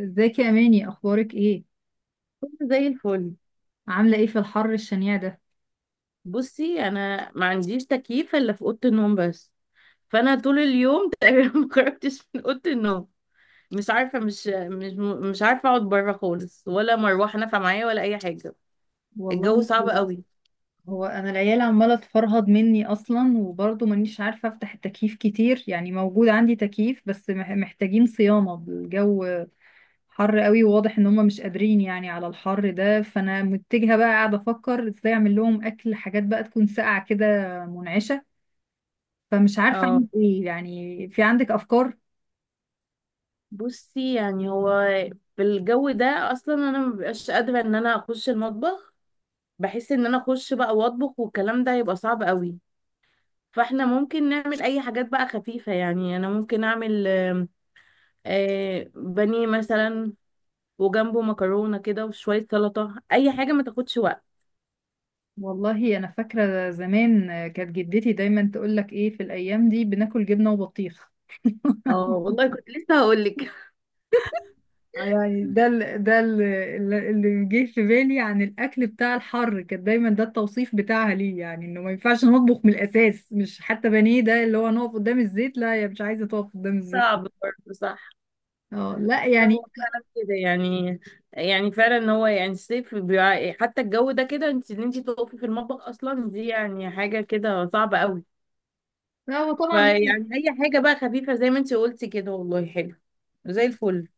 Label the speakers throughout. Speaker 1: ازيك يا اماني؟ اخبارك ايه؟
Speaker 2: كله زي الفل.
Speaker 1: عامله ايه في الحر الشنيع ده؟
Speaker 2: بصي، انا ما عنديش تكييف الا في اوضه النوم بس، فانا طول اليوم تقريبا ما خرجتش من اوضه النوم. مش عارفه مش مش مش عارفه اقعد بره خالص، ولا مروحه نافعه معايا، ولا اي حاجه. الجو
Speaker 1: والله،
Speaker 2: صعب قوي.
Speaker 1: هو انا العيال عماله تفرهد مني اصلا، وبرضه مانيش عارفه افتح التكييف كتير، يعني موجود عندي تكييف بس محتاجين صيانه. الجو حر قوي، وواضح ان هم مش قادرين يعني على الحر ده، فانا متجهه بقى قاعده افكر ازاي اعمل لهم اكل، حاجات بقى تكون ساقعه كده، منعشه. فمش عارفه
Speaker 2: اه،
Speaker 1: اعمل ايه، يعني في عندك افكار؟
Speaker 2: بصي، يعني هو في الجو ده اصلا انا مبقاش قادره ان انا اخش المطبخ. بحس ان انا اخش بقى واطبخ والكلام ده يبقى صعب قوي، فاحنا ممكن نعمل اي حاجات بقى خفيفه. يعني انا ممكن اعمل بانيه مثلا، وجنبه مكرونه كده، وشويه سلطه، اي حاجه ما تاخدش وقت.
Speaker 1: والله انا فاكره زمان كانت جدتي دايما تقول لك ايه، في الايام دي بناكل جبنه وبطيخ.
Speaker 2: اه والله، كنت لسه هقول لك.
Speaker 1: آه، يعني ده ال ده ال اللي اللي جه في بالي عن الاكل بتاع الحر، كان دايما ده التوصيف بتاعها ليه، يعني انه ما ينفعش نطبخ من الاساس، مش حتى بانيه ده اللي هو نقف قدام الزيت. لا، يا مش عايزه تقف قدام الزيت.
Speaker 2: صعب برضه، صح.
Speaker 1: اه لا
Speaker 2: هو
Speaker 1: يعني.
Speaker 2: فعلا كده يعني فعلا ان هو يعني الصيف حتى الجو ده كده، ان انت تقفي في المطبخ اصلا، دي يعني حاجه كده صعبه قوي.
Speaker 1: لا هو طبعا.
Speaker 2: فيعني اي حاجه بقى خفيفه زي ما انت قلتي كده، والله حلو زي الفل.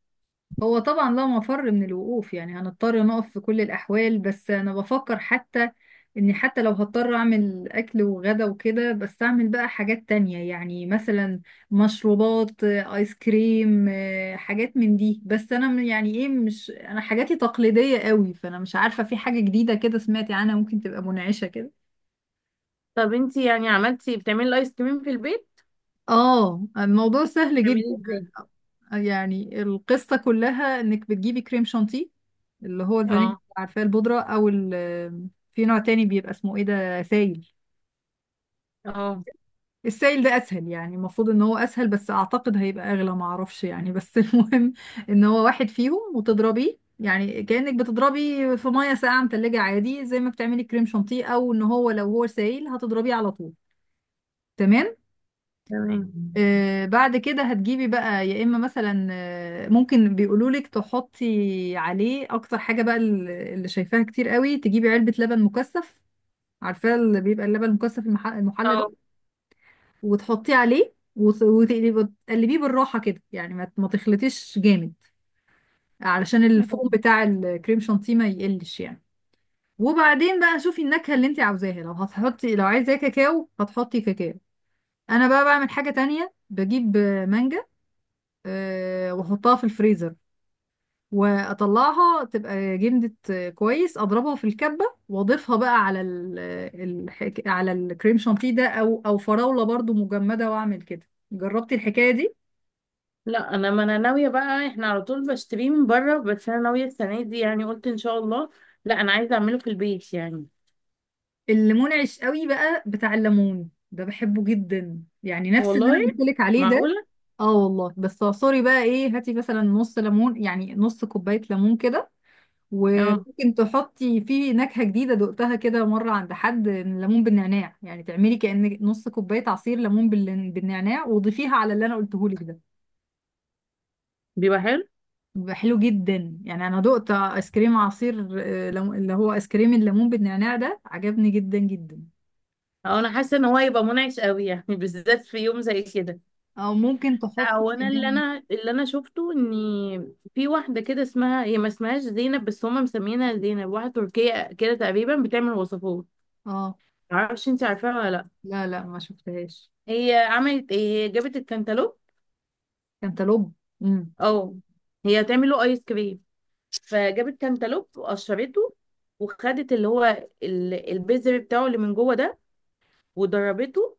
Speaker 1: هو طبعا لا مفر من الوقوف، يعني هنضطر نقف في كل الأحوال، بس أنا بفكر حتى إني حتى لو هضطر أعمل أكل وغدا وكده، بس أعمل بقى حاجات تانية، يعني مثلا مشروبات، آيس كريم، حاجات من دي. بس أنا م- يعني إيه مش أنا حاجاتي تقليدية قوي، فأنا مش عارفة في حاجة جديدة كده سمعتي عنها ممكن تبقى منعشة كده.
Speaker 2: طب انت، يعني بتعملي الايس كريم في البيت؟
Speaker 1: اه، الموضوع سهل
Speaker 2: بتعملي
Speaker 1: جدا.
Speaker 2: ازاي؟
Speaker 1: يعني القصة كلها انك بتجيبي كريم شانتيه اللي هو الفانيليا،
Speaker 2: اه.
Speaker 1: عارفاه البودرة، او في نوع تاني بيبقى اسمه ايه ده، سايل.
Speaker 2: اه.
Speaker 1: السايل ده اسهل، يعني المفروض ان هو اسهل، بس اعتقد هيبقى اغلى، معرفش يعني، بس المهم ان هو واحد فيهم وتضربيه، يعني كأنك بتضربي في مية ساقعة متلجة عادي، زي ما بتعملي كريم شانتيه، او ان هو لو هو سايل هتضربيه على طول. تمام.
Speaker 2: تمام.
Speaker 1: بعد كده هتجيبي بقى يا اما مثلا، ممكن بيقولولك تحطي عليه اكتر حاجه بقى، اللي شايفاها كتير قوي، تجيبي علبه لبن مكثف، عارفاه اللي بيبقى اللبن المكثف المحلى
Speaker 2: اه.
Speaker 1: ده. وتحطيه عليه وتقلبيه بالراحه كده، يعني ما تخلطيش جامد، علشان الفوم بتاع الكريم شانتيه ما يقلش يعني. وبعدين بقى شوفي النكهه اللي انت عاوزاها، لو هتحطي لو عايزاه كاكاو هتحطي كاكاو. انا بقى بعمل حاجه تانية، بجيب مانجا، واحطها في الفريزر، واطلعها تبقى جمدت، كويس اضربها في الكبه واضيفها بقى على ال على الكريم شانتيه ده، او فراوله برضو مجمده واعمل كده. جربتي الحكايه دي؟
Speaker 2: لا، انا ما انا ناويه بقى. احنا على طول بشتريه من بره، بس انا ناويه السنه دي يعني قلت ان شاء الله، لا انا عايزه اعمله في البيت يعني.
Speaker 1: اللي منعش قوي بقى بتاع الليمون ده بحبه جدا، يعني نفس اللي
Speaker 2: والله؟
Speaker 1: انا قلت لك عليه ده.
Speaker 2: معقوله؟
Speaker 1: اه والله. بس اعصري بقى ايه، هاتي مثلا نص ليمون، يعني نص كوبايه ليمون كده.
Speaker 2: اه،
Speaker 1: وممكن تحطي فيه نكهة جديدة دقتها كده مرة عند حد، ليمون بالنعناع، يعني تعملي كأن نص كوباية عصير ليمون بالنعناع، وضيفيها على اللي انا قلته لك ده.
Speaker 2: بيبقى حلو.
Speaker 1: بيبقى حلو جدا، يعني انا دقت ايس كريم عصير اللي هو ايس كريم الليمون بالنعناع ده، عجبني جدا جدا.
Speaker 2: أو انا حاسه ان هو هيبقى منعش قوي يعني بالذات في يوم زي كده.
Speaker 1: او ممكن
Speaker 2: لا،
Speaker 1: تحطي
Speaker 2: هو انا اللي
Speaker 1: كمان.
Speaker 2: انا اللي انا شفته ان في واحده كده اسمها، هي ما اسمهاش زينب بس هم مسمينها زينب، واحده تركيه كده تقريبا بتعمل وصفات.
Speaker 1: اه.
Speaker 2: معرفش، انت عارفاها ولا لا؟
Speaker 1: لا لا، ما شفتهاش.
Speaker 2: هي عملت ايه، هي جابت الكنتالوب.
Speaker 1: كانتالوب. امم.
Speaker 2: اه. هي هتعمله ايس كريم، فجابت كانتالوب وقشرته، وخدت اللي هو البذر بتاعه اللي من جوه ده، ودربته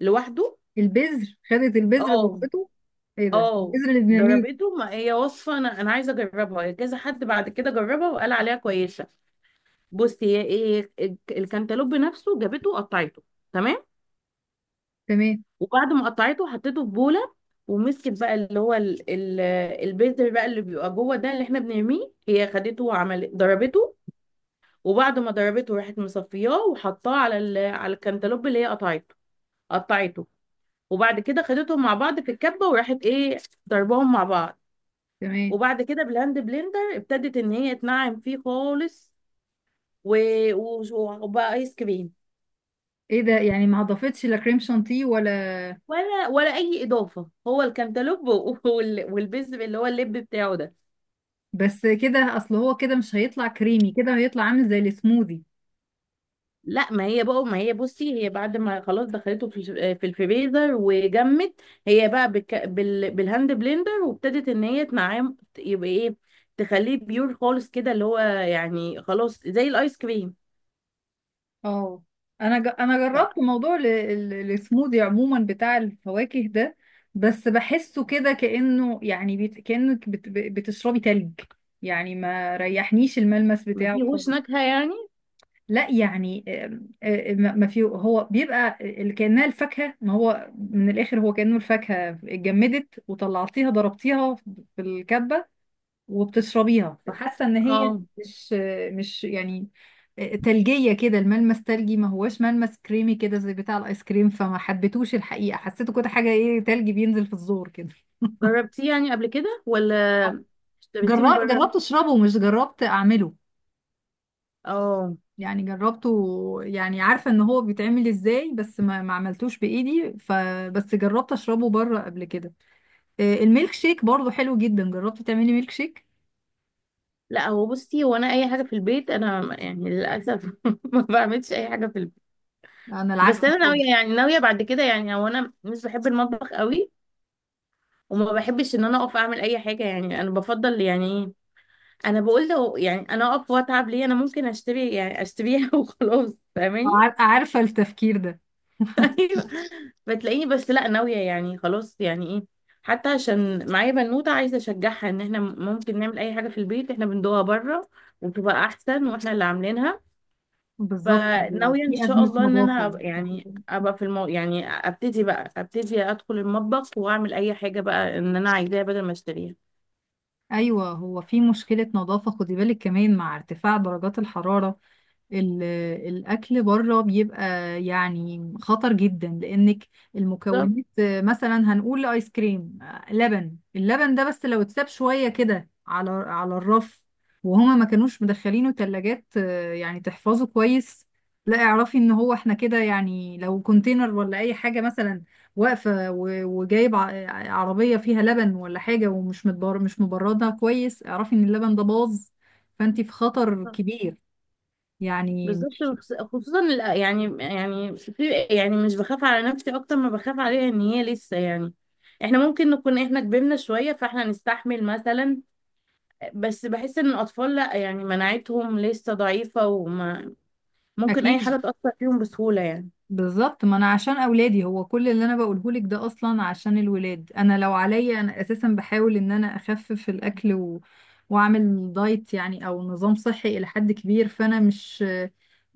Speaker 2: لوحده.
Speaker 1: البذر؟ خدت البذر
Speaker 2: اه.
Speaker 1: ضربته؟ ايه ده،
Speaker 2: اه.
Speaker 1: البذر اللي بنرميه؟
Speaker 2: ضربته. ما هي وصفة، انا عايزة اجربها، كذا حد بعد كده جربها وقال عليها كويسة. بصي هي ايه الكانتالوب نفسه جابته وقطعته. تمام.
Speaker 1: تمام.
Speaker 2: وبعد ما قطعته حطيته في بولة، ومسكت بقى اللي هو البذر بقى اللي بيبقى جوه ده اللي احنا بنرميه، هي خدته وعملت ضربته. وبعد ما ضربته راحت مصفياه، وحطاه على على الكنتالوب اللي هي قطعته قطعته. وبعد كده خدتهم مع بعض في الكبه وراحت ايه، ضربهم مع بعض.
Speaker 1: تمام.
Speaker 2: وبعد كده بالهاند بلندر ابتدت ان هي تنعم فيه خالص و... و... وبقى ايس كريم.
Speaker 1: ايه ده، يعني ما اضافتش لا كريم شانتيه ولا؟
Speaker 2: ولا اي اضافه، هو الكنتالوب والبذر اللي هو اللب بتاعه ده.
Speaker 1: بس كده؟ اصل هو كده مش هيطلع كريمي كده، هيطلع عامل زي السموذي.
Speaker 2: لا، ما هي بقى ما هي بصي هي بعد ما خلاص دخلته في في الفريزر وجمت، هي بقى بك بال بالهاند بلندر، وابتدت ان هي تنعم، يبقى ايه، تخليه بيور خالص كده اللي هو يعني خلاص زي الايس كريم.
Speaker 1: اه، انا
Speaker 2: لا.
Speaker 1: جربت موضوع السموذي عموما بتاع الفواكه ده، بس بحسه كده كأنه يعني كأنك بتشربي تلج، يعني ما ريحنيش الملمس
Speaker 2: ما
Speaker 1: بتاعه
Speaker 2: فيهوش
Speaker 1: خالص.
Speaker 2: نكهة يعني.
Speaker 1: لا يعني، آم، آه، ما ما في هو بيبقى كأنها الفاكهة، ما هو من الآخر هو كأنه الفاكهة اتجمدت وطلعتيها ضربتيها في الكبة وبتشربيها، فحاسه ان هي
Speaker 2: اه.
Speaker 1: مش، مش يعني، تلجيه كده الملمس، تلجي ما هواش ملمس كريمي كده زي بتاع الايس كريم، فما حبيتوش الحقيقه، حسيته كده حاجه ايه، تلج بينزل في الزور كده.
Speaker 2: جربتيه يعني قبل كده ولا اشتريتيه من
Speaker 1: جربت،
Speaker 2: بره؟
Speaker 1: جربت اشربه، مش جربت اعمله.
Speaker 2: اه.
Speaker 1: يعني جربته، يعني عارفه ان هو بيتعمل ازاي، بس ما عملتوش بايدي، فبس جربت اشربه بره قبل كده. الميلك شيك برضه حلو جدا، جربت تعملي ميلك شيك؟
Speaker 2: لا، هو بصي، هو انا اي حاجه في البيت انا يعني للاسف ما بعملش اي حاجه في البيت.
Speaker 1: انا العكس
Speaker 2: بس انا
Speaker 1: خالص.
Speaker 2: ناويه، يعني ناويه بعد كده. يعني هو انا مش بحب المطبخ قوي، وما بحبش ان انا اقف اعمل اي حاجه، يعني انا بفضل يعني ايه، انا بقول لو يعني انا اقف واتعب ليه، انا ممكن اشتري يعني اشتريها وخلاص، فاهماني؟
Speaker 1: عارفه التفكير ده.
Speaker 2: ايوه. بتلاقيني، بس لا، ناويه يعني خلاص يعني ايه، حتى عشان معايا بنوته عايزه اشجعها ان احنا ممكن نعمل اي حاجه في البيت احنا بندوها بره، وبتبقى احسن واحنا اللي عاملينها.
Speaker 1: بالظبط، هو
Speaker 2: فناويه ان
Speaker 1: في
Speaker 2: شاء
Speaker 1: أزمة
Speaker 2: الله ان انا
Speaker 1: نظافة ده
Speaker 2: يعني
Speaker 1: حقيقي.
Speaker 2: ابقى في يعني ابتدي ادخل المطبخ واعمل اي حاجه بقى ان انا عايزاها بدل ما اشتريها.
Speaker 1: أيوة، هو في مشكلة نظافة، خدي بالك كمان مع ارتفاع درجات الحرارة. ال- الأكل بره بيبقى يعني خطر جدا، لأنك
Speaker 2: بالظبط.
Speaker 1: المكونات، مثلا هنقول آيس كريم، لبن، اللبن ده بس لو اتساب شوية كده على على الرف، وهما ما كانوش مدخلينه تلاجات، يعني تحفظه كويس، لا اعرفي ان هو احنا كده. يعني لو كونتينر ولا اي حاجة مثلا واقفة، وجايب عربية فيها لبن ولا حاجة، ومش متبر مش مبردها كويس، اعرفي ان اللبن ده باظ، فانت في خطر كبير. يعني
Speaker 2: بالظبط،
Speaker 1: مش،
Speaker 2: خصوصا يعني في، يعني مش بخاف على نفسي اكتر ما بخاف عليها ان هي لسه يعني. احنا ممكن نكون احنا كبرنا شوية فاحنا نستحمل مثلا، بس بحس ان الاطفال لا، يعني مناعتهم لسه ضعيفة، وما ممكن اي
Speaker 1: اكيد.
Speaker 2: حاجة تأثر فيهم بسهولة يعني.
Speaker 1: بالظبط، ما انا عشان اولادي هو كل اللي انا بقوله لك ده، اصلا عشان الولاد. انا لو عليا انا اساسا بحاول ان انا اخفف الاكل واعمل دايت يعني او نظام صحي الى حد كبير، فانا مش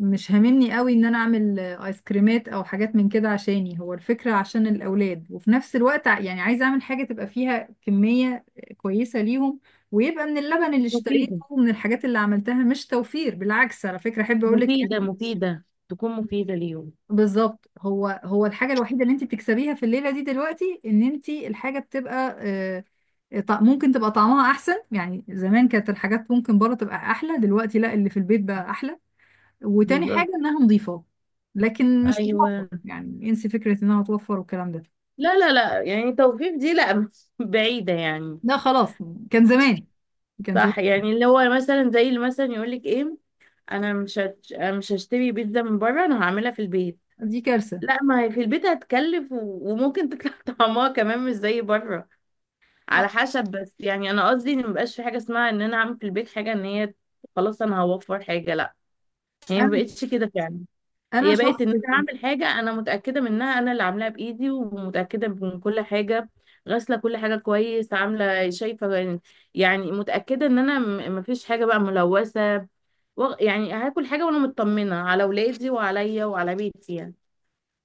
Speaker 1: مش هاممني قوي ان انا اعمل ايس كريمات او حاجات من كده عشاني، هو الفكرة عشان الاولاد، وفي نفس الوقت يعني عايزه اعمل حاجة تبقى فيها كمية كويسة ليهم، ويبقى من اللبن اللي اشتريته
Speaker 2: مفيدة
Speaker 1: ومن الحاجات اللي عملتها، مش توفير، بالعكس على فكرة، احب اقول.
Speaker 2: مفيدة تكون مفيدة ليهم.
Speaker 1: بالظبط، هو الحاجة الوحيدة اللي انت بتكسبيها في الليلة دي دلوقتي ان انت الحاجة بتبقى ممكن تبقى طعمها احسن، يعني زمان كانت الحاجات ممكن بره تبقى احلى، دلوقتي لا، اللي في البيت بقى احلى، وتاني
Speaker 2: بالظبط.
Speaker 1: حاجة انها نظيفة. لكن مش بتوفر،
Speaker 2: ايوه.
Speaker 1: يعني انسي فكرة انها توفر والكلام ده.
Speaker 2: لا، لا، لا، يعني توفيق دي لا بعيدة يعني.
Speaker 1: لا خلاص، كان زمان، كان زمان.
Speaker 2: صح. يعني اللي هو مثلا زي اللي مثلا يقولك ايه، انا مش هشتري بيتزا من بره، انا هعملها في البيت.
Speaker 1: دي كارثة.
Speaker 2: لا، ما هي في البيت هتكلف، وممكن تطلع طعمها كمان مش زي بره، على
Speaker 1: آه،
Speaker 2: حسب. بس يعني انا قصدي ان مبقاش في حاجه اسمها ان انا اعمل في البيت حاجه ان هي خلاص انا هوفر حاجه، لا. هي ما
Speaker 1: انا
Speaker 2: بقتش كده فعلا،
Speaker 1: انا
Speaker 2: هي بقت
Speaker 1: شخص
Speaker 2: ان انا اعمل حاجه انا متاكده منها، انا اللي عاملاها بايدي، ومتاكده من كل حاجه، غاسله كل حاجه كويس، عامله شايفه يعني. يعني متاكده ان انا مفيش حاجه بقى ملوثه، يعني هاكل حاجة وانا مطمنة على ولادي وعليا وعلى بيتي يعني.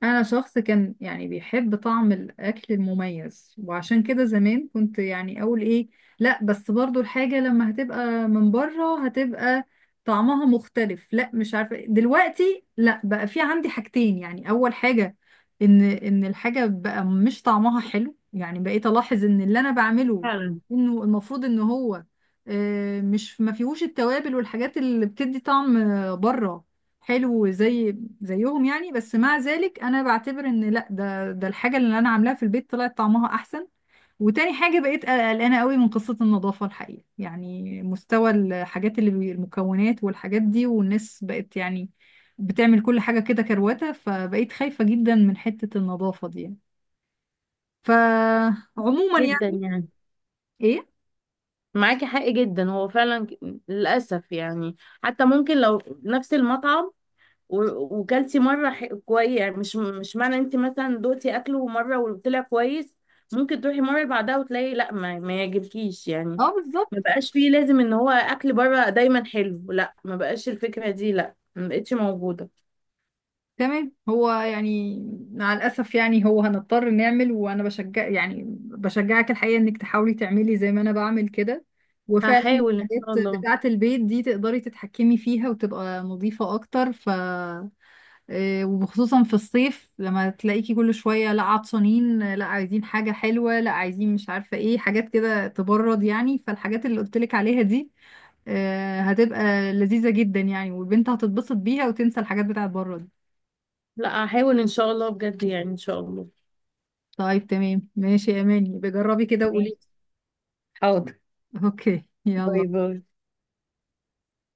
Speaker 1: انا شخص كان يعني بيحب طعم الاكل المميز، وعشان كده زمان كنت يعني اقول ايه، لا بس برضو الحاجة لما هتبقى من بره هتبقى طعمها مختلف، لا مش عارفة إيه. دلوقتي لا، بقى في عندي حاجتين، يعني اول حاجة ان الحاجة بقى مش طعمها حلو، يعني بقيت الاحظ ان اللي انا بعمله
Speaker 2: فعلا.
Speaker 1: انه المفروض ان هو آه، مش ما فيهوش التوابل والحاجات اللي بتدي طعم، بره حلو زي زيهم يعني، بس مع ذلك انا بعتبر ان لا، ده الحاجه اللي انا عاملاها في البيت طلعت طعمها احسن. وتاني حاجه بقيت قلقانه قوي من قصه النظافه الحقيقه، يعني مستوى الحاجات اللي المكونات والحاجات دي، والناس بقت يعني بتعمل كل حاجه كده كروته، فبقيت خايفه جدا من حته النظافه دي يعني. فعموما
Speaker 2: جدا
Speaker 1: يعني،
Speaker 2: يعني.
Speaker 1: ايه.
Speaker 2: معاكي حق، جدا. هو فعلا للأسف يعني. حتى ممكن لو نفس المطعم وكلتي مرة كويس، يعني مش معنى انت مثلا دوقتي اكله مرة وطلع كويس ممكن تروحي مرة اللي بعدها وتلاقي لا ما يعجبكيش يعني.
Speaker 1: اه، بالظبط.
Speaker 2: ما بقاش فيه لازم ان هو اكل بره دايما حلو، لا ما بقاش الفكرة دي، لا ما بقتش موجودة.
Speaker 1: تمام، هو يعني مع الأسف يعني هو هنضطر نعمل، وأنا بشجع يعني بشجعك الحقيقة إنك تحاولي تعملي زي ما أنا بعمل كده، وفعلا
Speaker 2: هحاول ان شاء
Speaker 1: الحاجات
Speaker 2: الله.
Speaker 1: بتاعة البيت دي تقدري تتحكمي فيها وتبقى نظيفة أكتر. ف وخصوصا في الصيف، لما تلاقيكي كل شوية لا عطشانين، لا عايزين حاجة حلوة، لا عايزين مش عارفة إيه، حاجات كده تبرد يعني، فالحاجات اللي قلتلك عليها دي هتبقى لذيذة جدا يعني، والبنت هتتبسط بيها وتنسى الحاجات بتاعة بره دي.
Speaker 2: لا، هحاول ان شاء الله بجد يعني، ان شاء الله.
Speaker 1: طيب تمام ماشي يا اماني، بجربي كده وقولي.
Speaker 2: ماشي. حاضر.
Speaker 1: اوكي، يلا.
Speaker 2: باي باي.